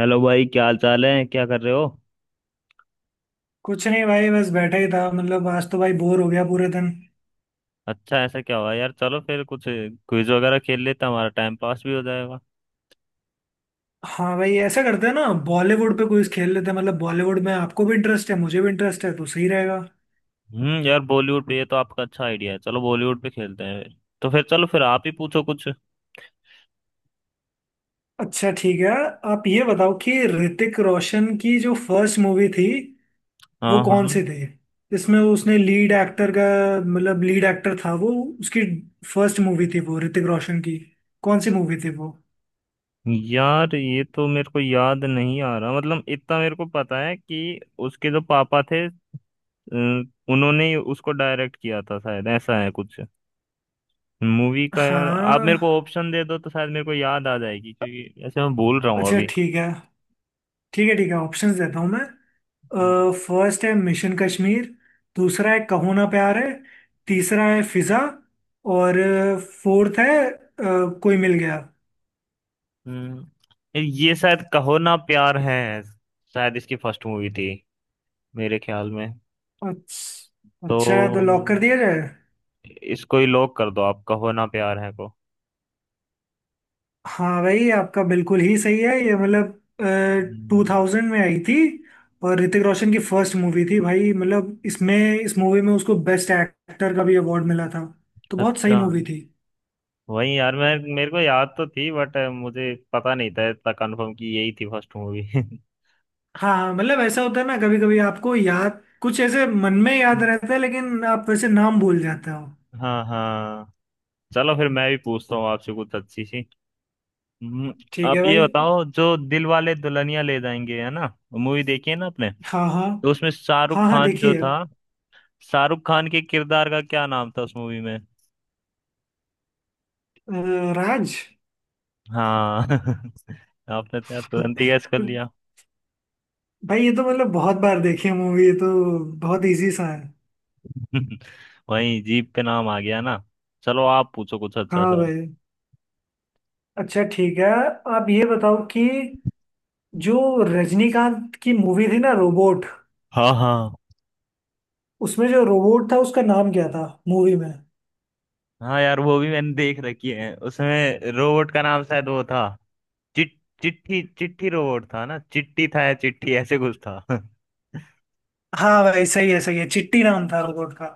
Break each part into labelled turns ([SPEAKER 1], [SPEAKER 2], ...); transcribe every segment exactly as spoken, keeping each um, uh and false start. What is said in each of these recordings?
[SPEAKER 1] Hello भाई, क्या हाल चाल है? क्या कर रहे हो?
[SPEAKER 2] कुछ नहीं भाई बस बैठा ही था मतलब आज तो भाई बोर हो गया पूरे दिन।
[SPEAKER 1] अच्छा ऐसा क्या हुआ यार? चलो फिर कुछ क्विज वगैरह खेल लेते हैं, हमारा टाइम पास भी हो जाएगा।
[SPEAKER 2] हाँ भाई ऐसा करते हैं ना बॉलीवुड पे क्विज खेल लेते हैं। मतलब बॉलीवुड में आपको भी इंटरेस्ट है मुझे भी इंटरेस्ट है तो सही रहेगा।
[SPEAKER 1] हम्म यार बॉलीवुड पे ये तो आपका अच्छा आइडिया है। चलो बॉलीवुड पे खेलते हैं फिर। तो फिर चलो, फिर आप ही पूछो कुछ।
[SPEAKER 2] अच्छा ठीक है। आप ये बताओ कि ऋतिक रोशन की जो फर्स्ट मूवी थी वो
[SPEAKER 1] हाँ, हाँ।
[SPEAKER 2] कौन सी थी। इसमें उसने लीड एक्टर का मतलब लीड एक्टर था वो। उसकी फर्स्ट मूवी थी वो ऋतिक रोशन की। कौन सी मूवी थी वो।
[SPEAKER 1] यार ये तो मेरे को याद नहीं आ रहा। मतलब इतना मेरे को पता है कि उसके जो पापा थे अ, उन्होंने ही उसको डायरेक्ट किया था, शायद ऐसा है कुछ मूवी का, यार। आप
[SPEAKER 2] हाँ।
[SPEAKER 1] मेरे को ऑप्शन दे दो तो शायद मेरे को याद आ जाएगी, क्योंकि ऐसे मैं भूल रहा हूँ।
[SPEAKER 2] अच्छा ठीक है। ठीक है ठीक है ऑप्शंस देता हूँ मैं।
[SPEAKER 1] अभी।
[SPEAKER 2] फर्स्ट है मिशन कश्मीर। दूसरा है कहो ना प्यार है। तीसरा है फिजा। और फोर्थ है अ, कोई मिल गया।
[SPEAKER 1] हम्म ये शायद कहो ना प्यार है। शायद इसकी फर्स्ट मूवी थी, मेरे ख्याल में।
[SPEAKER 2] अच्छा
[SPEAKER 1] तो
[SPEAKER 2] अच्छा तो लॉक कर दिया जाए।
[SPEAKER 1] इसको ही लॉक कर दो आप, कहो ना प्यार है को।
[SPEAKER 2] हाँ भाई आपका बिल्कुल ही सही है ये मतलब टू
[SPEAKER 1] हम्म।
[SPEAKER 2] थाउजेंड में आई थी और ऋतिक रोशन की फर्स्ट मूवी थी भाई। मतलब इसमें इस मूवी में उसको बेस्ट एक्टर का भी अवार्ड मिला था तो बहुत सही
[SPEAKER 1] अच्छा।
[SPEAKER 2] मूवी थी।
[SPEAKER 1] वही यार, मैं मेरे को याद तो थी बट मुझे पता नहीं था इतना कंफर्म कि यही थी फर्स्ट मूवी।
[SPEAKER 2] हाँ मतलब ऐसा होता है ना कभी कभी आपको याद कुछ ऐसे मन में याद रहता है लेकिन आप वैसे नाम भूल जाते हो।
[SPEAKER 1] हाँ, हाँ। चलो फिर, मैं भी पूछता हूँ आपसे कुछ अच्छी सी। हम्म।
[SPEAKER 2] ठीक है
[SPEAKER 1] आप ये
[SPEAKER 2] भाई।
[SPEAKER 1] बताओ, जो दिल वाले दुल्हनिया ले जाएंगे, है ना? मूवी देखी है ना आपने?
[SPEAKER 2] हाँ हाँ।
[SPEAKER 1] तो उसमें शाहरुख
[SPEAKER 2] हाँ हाँ
[SPEAKER 1] खान जो
[SPEAKER 2] देखिए अ,
[SPEAKER 1] था, शाहरुख खान के किरदार का क्या नाम था उस मूवी में?
[SPEAKER 2] राज।
[SPEAKER 1] हाँ। आपने तो यार तुरंत ही गैस कर लिया।
[SPEAKER 2] भाई ये तो मतलब बहुत बार देखी है मूवी ये तो। बहुत इजी सा है।
[SPEAKER 1] वही, जीप पे नाम आ गया ना। चलो आप पूछो कुछ अच्छा
[SPEAKER 2] हाँ
[SPEAKER 1] सा।
[SPEAKER 2] भाई। अच्छा ठीक है। आप ये बताओ कि जो रजनीकांत की मूवी थी ना रोबोट
[SPEAKER 1] हाँ, हाँ।
[SPEAKER 2] उसमें जो रोबोट था उसका नाम क्या था मूवी में।
[SPEAKER 1] हाँ यार, वो भी मैंने देख रखी है। उसमें रोबोट का नाम शायद वो था, चिट। चिट्ठी चिट्ठी रोबोट था ना? चिट्टी था या चिट्ठी, ऐसे कुछ था।
[SPEAKER 2] हाँ भाई सही है सही है चिट्टी नाम था रोबोट का।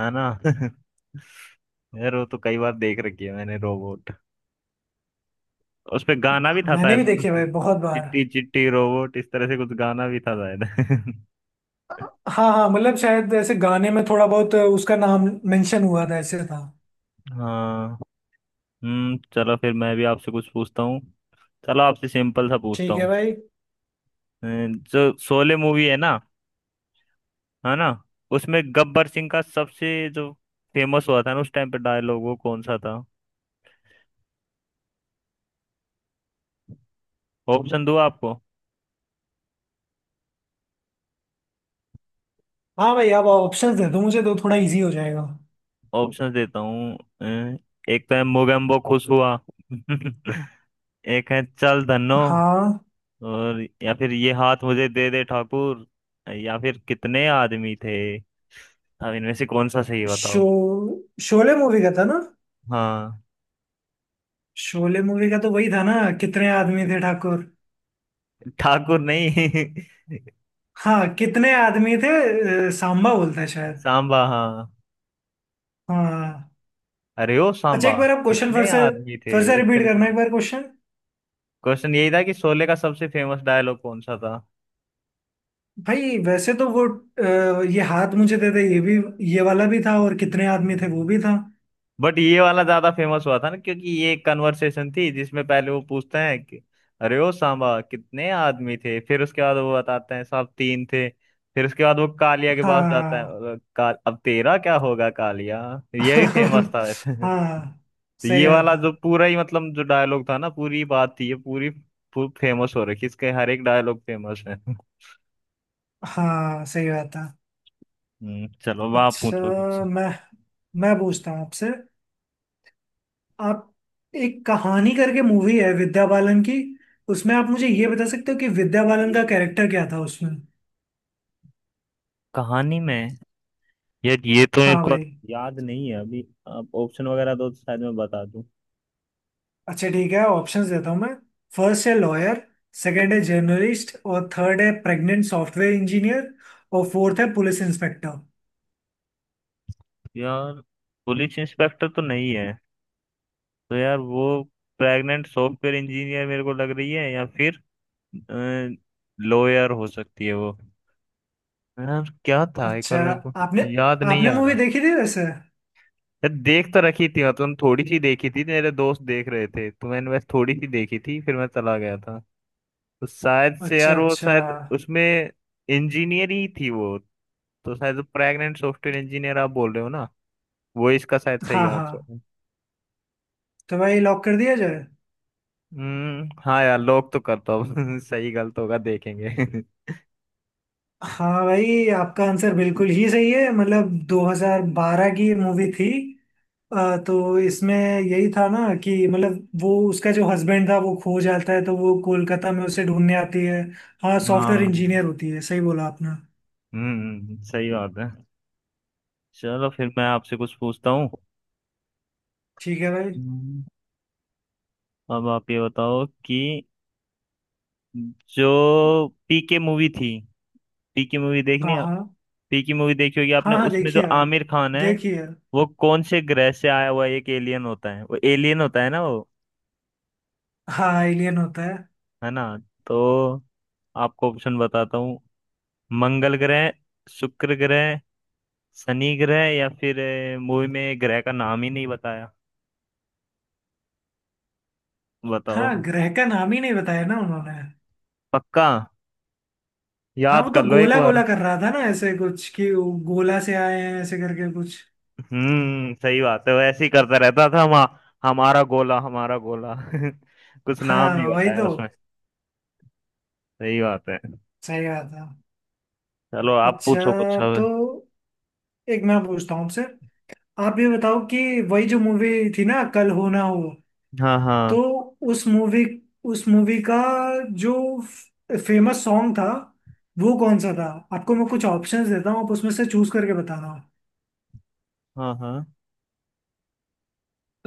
[SPEAKER 1] है ना। यार वो तो कई बार देख रखी है मैंने, रोबोट। उस पे गाना भी था
[SPEAKER 2] मैंने
[SPEAKER 1] शायद।
[SPEAKER 2] भी देखी है भाई बहुत बार।
[SPEAKER 1] चिट्टी चिट्टी रोबोट, इस तरह से कुछ गाना भी था शायद।
[SPEAKER 2] हाँ हाँ मतलब शायद ऐसे गाने में थोड़ा बहुत उसका नाम मेंशन हुआ था ऐसे था।
[SPEAKER 1] हाँ। हम्म चलो फिर मैं भी आपसे कुछ पूछता हूँ। चलो आपसे सिंपल सा पूछता
[SPEAKER 2] ठीक है
[SPEAKER 1] हूँ।
[SPEAKER 2] भाई।
[SPEAKER 1] अ, जो शोले मूवी है ना, है ना, उसमें गब्बर सिंह का सबसे जो फेमस हुआ था ना उस टाइम पे डायलॉग, वो कौन सा था? ऑप्शन दूँ आपको?
[SPEAKER 2] हाँ भाई आप ऑप्शंस दे दो मुझे तो थोड़ा इजी हो जाएगा।
[SPEAKER 1] ऑप्शन देता हूँ। अ, एक तो है, मोगेम्बो खुश हुआ। एक है, चल धन्नो।
[SPEAKER 2] हाँ।
[SPEAKER 1] और या फिर, ये हाथ मुझे दे दे ठाकुर। या फिर, कितने आदमी थे। अब इनमें से कौन सा सही,
[SPEAKER 2] शो
[SPEAKER 1] बताओ।
[SPEAKER 2] शोले मूवी का था ना।
[SPEAKER 1] हाँ।
[SPEAKER 2] शोले मूवी का तो वही था ना। कितने आदमी थे ठाकुर।
[SPEAKER 1] ठाकुर नहीं।
[SPEAKER 2] हाँ कितने आदमी थे अ, सांबा बोलता है शायद।
[SPEAKER 1] सांबा, हाँ।
[SPEAKER 2] हाँ।
[SPEAKER 1] अरे ओ
[SPEAKER 2] अच्छा
[SPEAKER 1] सांबा,
[SPEAKER 2] एक बार आप क्वेश्चन फिर
[SPEAKER 1] कितने
[SPEAKER 2] से।
[SPEAKER 1] आदमी थे,
[SPEAKER 2] फिर से
[SPEAKER 1] इस
[SPEAKER 2] रिपीट
[SPEAKER 1] तरह से।
[SPEAKER 2] करना एक बार क्वेश्चन।
[SPEAKER 1] क्वेश्चन यही था कि शोले का सबसे फेमस डायलॉग कौन सा था।
[SPEAKER 2] भाई वैसे तो वो अ, ये हाथ मुझे दे दे ये भी। ये वाला भी था और कितने आदमी थे वो भी था।
[SPEAKER 1] बट ये वाला ज्यादा फेमस हुआ था ना, क्योंकि ये एक कन्वर्सेशन थी जिसमें पहले वो पूछते हैं कि, अरे ओ सांबा कितने आदमी थे, फिर उसके बाद वो बताते हैं, साहब तीन थे। फिर उसके बाद वो कालिया के पास जाता है
[SPEAKER 2] हाँ।
[SPEAKER 1] और का, अब तेरा क्या होगा कालिया। ये भी फेमस था वैसे।
[SPEAKER 2] हाँ
[SPEAKER 1] तो
[SPEAKER 2] सही
[SPEAKER 1] ये
[SPEAKER 2] बात
[SPEAKER 1] वाला
[SPEAKER 2] है।
[SPEAKER 1] जो पूरा ही मतलब जो डायलॉग था ना, पूरी बात थी ये पूरी फेमस हो रखी, इसके हर एक डायलॉग फेमस है।
[SPEAKER 2] हाँ। सही बात है।
[SPEAKER 1] हम्म, चलो अब आप
[SPEAKER 2] अच्छा
[SPEAKER 1] पूछो कुछ।
[SPEAKER 2] मैं मैं पूछता हूँ आपसे। आप एक कहानी करके मूवी है विद्या बालन की। उसमें आप मुझे ये बता सकते हो कि विद्या बालन का कैरेक्टर क्या था उसमें।
[SPEAKER 1] कहानी में? यार ये तो मेरे
[SPEAKER 2] हाँ
[SPEAKER 1] को
[SPEAKER 2] भाई।
[SPEAKER 1] याद नहीं है अभी। आप ऑप्शन वगैरह दो तो शायद मैं बता दूं।
[SPEAKER 2] अच्छा ठीक है ऑप्शंस देता हूँ मैं। फर्स्ट है लॉयर। सेकंड है जर्नलिस्ट और थर्ड है प्रेग्नेंट सॉफ्टवेयर इंजीनियर। और फोर्थ है पुलिस इंस्पेक्टर।
[SPEAKER 1] यार, पुलिस इंस्पेक्टर तो नहीं है। तो यार वो, प्रेग्नेंट सॉफ्टवेयर इंजीनियर मेरे को लग रही है, या फिर लॉयर हो सकती है वो। यार क्या था एक बार,
[SPEAKER 2] अच्छा।
[SPEAKER 1] मेरे को
[SPEAKER 2] आपने
[SPEAKER 1] याद नहीं
[SPEAKER 2] आपने
[SPEAKER 1] आ
[SPEAKER 2] मूवी
[SPEAKER 1] रहा।
[SPEAKER 2] देखी थी वैसे।
[SPEAKER 1] यार देख तो रखी थी मैं, तुम थोड़ी सी देखी थी, मेरे दोस्त देख रहे थे तो मैंने बस थोड़ी सी देखी थी, फिर मैं चला गया था। तो शायद से
[SPEAKER 2] अच्छा
[SPEAKER 1] यार वो
[SPEAKER 2] अच्छा।
[SPEAKER 1] शायद उसमें इंजीनियर ही थी वो। तो शायद प्रेग्नेंट सॉफ्टवेयर इंजीनियर आप बोल रहे हो ना, वो इसका शायद सही
[SPEAKER 2] हाँ
[SPEAKER 1] आंसर
[SPEAKER 2] हाँ
[SPEAKER 1] है।
[SPEAKER 2] तो भाई लॉक कर दिया जाए।
[SPEAKER 1] हम्म, हाँ यार, लोग तो करता हूँ। सही गलत होगा देखेंगे।
[SPEAKER 2] हाँ भाई आपका आंसर बिल्कुल ही सही है मतलब दो हज़ार बारह की मूवी थी। अ, तो इसमें यही था ना कि मतलब वो उसका जो हस्बैंड था वो खो जाता है तो वो कोलकाता में उसे ढूंढने आती है। हाँ सॉफ्टवेयर
[SPEAKER 1] हाँ।
[SPEAKER 2] इंजीनियर होती है सही बोला आपने।
[SPEAKER 1] हम्म सही बात है। चलो फिर मैं आपसे कुछ पूछता हूँ।
[SPEAKER 2] ठीक है भाई।
[SPEAKER 1] हम्म। अब आप ये बताओ कि जो पीके मूवी थी, पी की मूवी देखनी
[SPEAKER 2] हाँ
[SPEAKER 1] है,
[SPEAKER 2] हाँ।
[SPEAKER 1] पी की मूवी देखी होगी आपने,
[SPEAKER 2] हाँ हाँ
[SPEAKER 1] उसमें जो
[SPEAKER 2] देखिए भाई।
[SPEAKER 1] आमिर खान है,
[SPEAKER 2] देखिए।
[SPEAKER 1] वो कौन से ग्रह से आया हुआ एक एलियन होता है, वो एलियन होता है ना वो?
[SPEAKER 2] हाँ एलियन होता है।
[SPEAKER 1] है ना? तो आपको ऑप्शन बताता हूँ। मंगल ग्रह, शुक्र ग्रह, शनि ग्रह, या फिर अ, मूवी में ग्रह का नाम ही नहीं बताया।
[SPEAKER 2] हाँ
[SPEAKER 1] बताओ।
[SPEAKER 2] ग्रह का नाम ही नहीं बताया ना उन्होंने।
[SPEAKER 1] पक्का?
[SPEAKER 2] हाँ
[SPEAKER 1] याद
[SPEAKER 2] वो तो
[SPEAKER 1] कर लो एक
[SPEAKER 2] गोला
[SPEAKER 1] बार।
[SPEAKER 2] गोला कर रहा था ना ऐसे कुछ कि वो गोला से आए हैं ऐसे करके कुछ।
[SPEAKER 1] हम्म सही बात है, वो ऐसे ही करता रहता था। हम हमारा गोला, हमारा गोला। कुछ नाम नहीं
[SPEAKER 2] हाँ वही
[SPEAKER 1] बताया
[SPEAKER 2] तो।
[SPEAKER 1] उसमें। सही बात है।
[SPEAKER 2] सही बात है।
[SPEAKER 1] चलो आप
[SPEAKER 2] अच्छा
[SPEAKER 1] पूछो कुछ अब।
[SPEAKER 2] तो एक मैं पूछता हूँ आपसे। आप ये बताओ कि वही जो मूवी थी ना कल हो ना हो
[SPEAKER 1] हाँ, हाँ,
[SPEAKER 2] तो उस मूवी उस मूवी का जो फेमस सॉन्ग था वो कौन सा था। आपको मैं कुछ ऑप्शंस देता हूँ आप उसमें से चूज करके बताना।
[SPEAKER 1] हाँ, हाँ।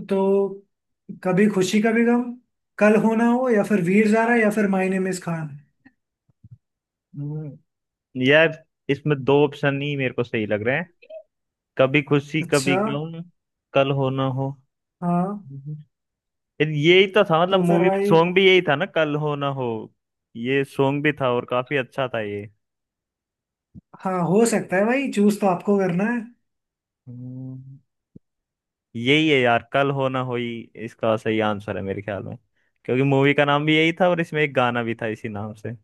[SPEAKER 2] तो कभी खुशी कभी गम। कल हो ना हो या फिर वीर ज़ारा या फिर माय नेम इज खान।
[SPEAKER 1] हम्म, यार इसमें दो ऑप्शन ही मेरे को सही लग रहे हैं। कभी खुशी
[SPEAKER 2] अच्छा।
[SPEAKER 1] कभी गम, कल हो ना हो।
[SPEAKER 2] हाँ।
[SPEAKER 1] हम्म। यार यही तो था, मतलब
[SPEAKER 2] तो फिर
[SPEAKER 1] मूवी में
[SPEAKER 2] भाई।
[SPEAKER 1] सॉन्ग भी यही था ना, कल हो ना हो। ये सॉन्ग भी था और काफी अच्छा था ये।
[SPEAKER 2] हाँ हो सकता है भाई चूज तो आपको करना है।
[SPEAKER 1] हम्म। यही है यार, कल हो ना हो ही इसका सही आंसर है मेरे ख्याल में, क्योंकि मूवी का नाम भी यही था और इसमें एक गाना भी था इसी नाम से।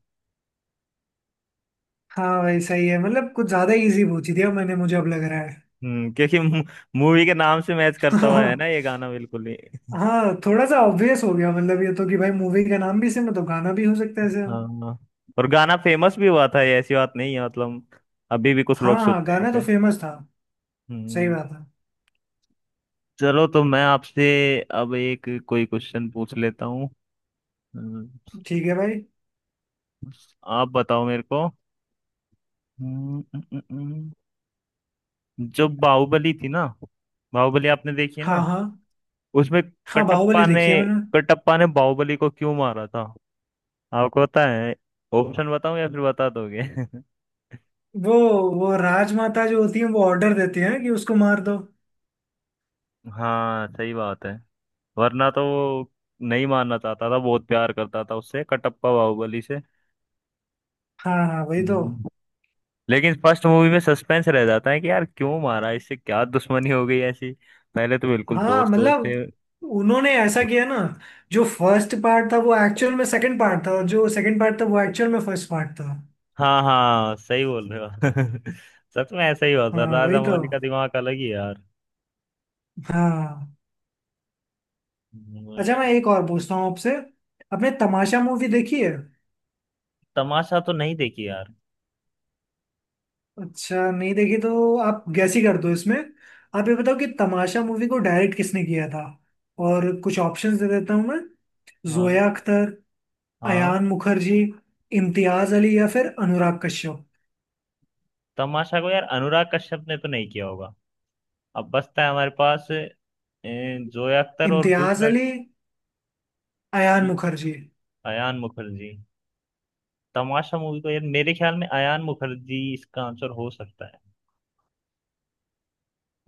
[SPEAKER 2] हाँ भाई सही है मतलब कुछ ज्यादा इजी पूछ दिया मैंने मुझे अब लग रहा है।
[SPEAKER 1] हम्म क्योंकि मूवी के नाम से मैच करता हुआ है ना
[SPEAKER 2] हाँ।
[SPEAKER 1] ये गाना, बिल्कुल ही।
[SPEAKER 2] हाँ थोड़ा सा ऑब्वियस हो गया मतलब ये तो कि भाई मूवी का नाम भी सेम है तो गाना भी हो सकता है सेम।
[SPEAKER 1] हाँ। और गाना फेमस भी हुआ था ये, ऐसी बात नहीं है मतलब, अभी भी कुछ
[SPEAKER 2] हाँ
[SPEAKER 1] लोग
[SPEAKER 2] हाँ
[SPEAKER 1] सुनते हैं
[SPEAKER 2] गाना तो
[SPEAKER 1] इसे।
[SPEAKER 2] फेमस था। सही
[SPEAKER 1] हम्म।
[SPEAKER 2] बात है।
[SPEAKER 1] चलो तो मैं आपसे अब एक कोई क्वेश्चन पूछ लेता हूँ। हम्म।
[SPEAKER 2] ठीक है भाई।
[SPEAKER 1] आप बताओ मेरे को। हम्म, हम्म, हम्म, हम्म। जो बाहुबली थी ना, बाहुबली आपने देखी है
[SPEAKER 2] हाँ
[SPEAKER 1] ना?
[SPEAKER 2] हाँ।
[SPEAKER 1] उसमें
[SPEAKER 2] हाँ बाहुबली
[SPEAKER 1] कटप्पा ने,
[SPEAKER 2] देखी है मैंने।
[SPEAKER 1] कटप्पा ने बाहुबली को क्यों मारा था? आपको पता है? ऑप्शन बताऊं या फिर बता दोगे?
[SPEAKER 2] वो वो राजमाता जो होती है वो ऑर्डर देती है कि उसको मार दो।
[SPEAKER 1] हाँ, सही बात है। वरना तो वो नहीं मानना चाहता था, बहुत प्यार करता था उससे कटप्पा, बाहुबली से।
[SPEAKER 2] हाँ हाँ वही तो।
[SPEAKER 1] हम्म। लेकिन फर्स्ट मूवी में सस्पेंस रह जाता है कि यार क्यों मारा, इससे क्या दुश्मनी हो गई ऐसी। पहले तो बिल्कुल
[SPEAKER 2] हाँ
[SPEAKER 1] दोस्त दोस्त थे।
[SPEAKER 2] मतलब उन्होंने ऐसा किया ना जो फर्स्ट पार्ट था वो एक्चुअल में सेकंड पार्ट था और जो सेकंड पार्ट था वो एक्चुअल में फर्स्ट पार्ट था।
[SPEAKER 1] हाँ, हाँ, सही बोल रहे हो। सच में ऐसा ही हुआ था,
[SPEAKER 2] हाँ वही
[SPEAKER 1] राजा
[SPEAKER 2] तो।
[SPEAKER 1] मौली का दिमाग अलग ही है यार।
[SPEAKER 2] हाँ। अच्छा मैं
[SPEAKER 1] वही।
[SPEAKER 2] एक और पूछता हूँ आपसे। आपने तमाशा मूवी देखी है।
[SPEAKER 1] तमाशा तो नहीं देखी यार।
[SPEAKER 2] अच्छा नहीं देखी तो आप गैस ही कर दो इसमें। आप ये बताओ कि तमाशा मूवी को डायरेक्ट किसने किया था और कुछ ऑप्शंस दे देता हूँ मैं।
[SPEAKER 1] हाँ,
[SPEAKER 2] जोया अख्तर।
[SPEAKER 1] हाँ।
[SPEAKER 2] अयान मुखर्जी। इम्तियाज अली या फिर अनुराग कश्यप।
[SPEAKER 1] तमाशा को यार, अनुराग कश्यप ने तो नहीं किया होगा। अब बचता है हमारे पास ए, जोया अख्तर और
[SPEAKER 2] इम्तियाज
[SPEAKER 1] दूसरा,
[SPEAKER 2] अली। अयान मुखर्जी।
[SPEAKER 1] अयान मुखर्जी। तमाशा मूवी को यार मेरे ख्याल में अयान मुखर्जी इसका आंसर हो सकता है।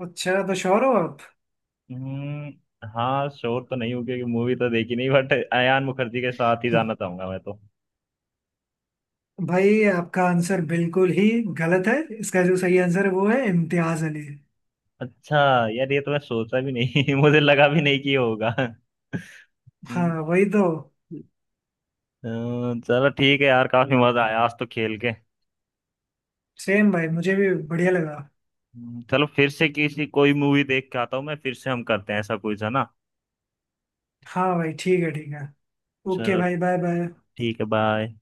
[SPEAKER 2] अच्छा तो श्योर हो आप।
[SPEAKER 1] हम्म। हाँ, श्योर तो नहीं हूँ क्योंकि मूवी तो देखी नहीं, बट अयान मुखर्जी के साथ ही जाना चाहूंगा मैं तो।
[SPEAKER 2] भाई आपका आंसर बिल्कुल ही गलत है। इसका जो सही आंसर है वो है इम्तियाज अली।
[SPEAKER 1] अच्छा। यार ये तो मैं सोचा भी नहीं, मुझे लगा भी नहीं कि ये होगा।
[SPEAKER 2] हाँ
[SPEAKER 1] हम्म,
[SPEAKER 2] वही तो।
[SPEAKER 1] अ, चलो ठीक है यार, काफी मजा आया आज तो खेल के।
[SPEAKER 2] सेम भाई मुझे भी बढ़िया लगा।
[SPEAKER 1] हम्म, चलो फिर से किसी कोई मूवी देख के आता हूँ, मैं फिर से हम करते हैं ऐसा कुछ, है ना?
[SPEAKER 2] हाँ भाई ठीक है ठीक है। ओके
[SPEAKER 1] चलो।
[SPEAKER 2] भाई बाय बाय।
[SPEAKER 1] ठीक है, बाय।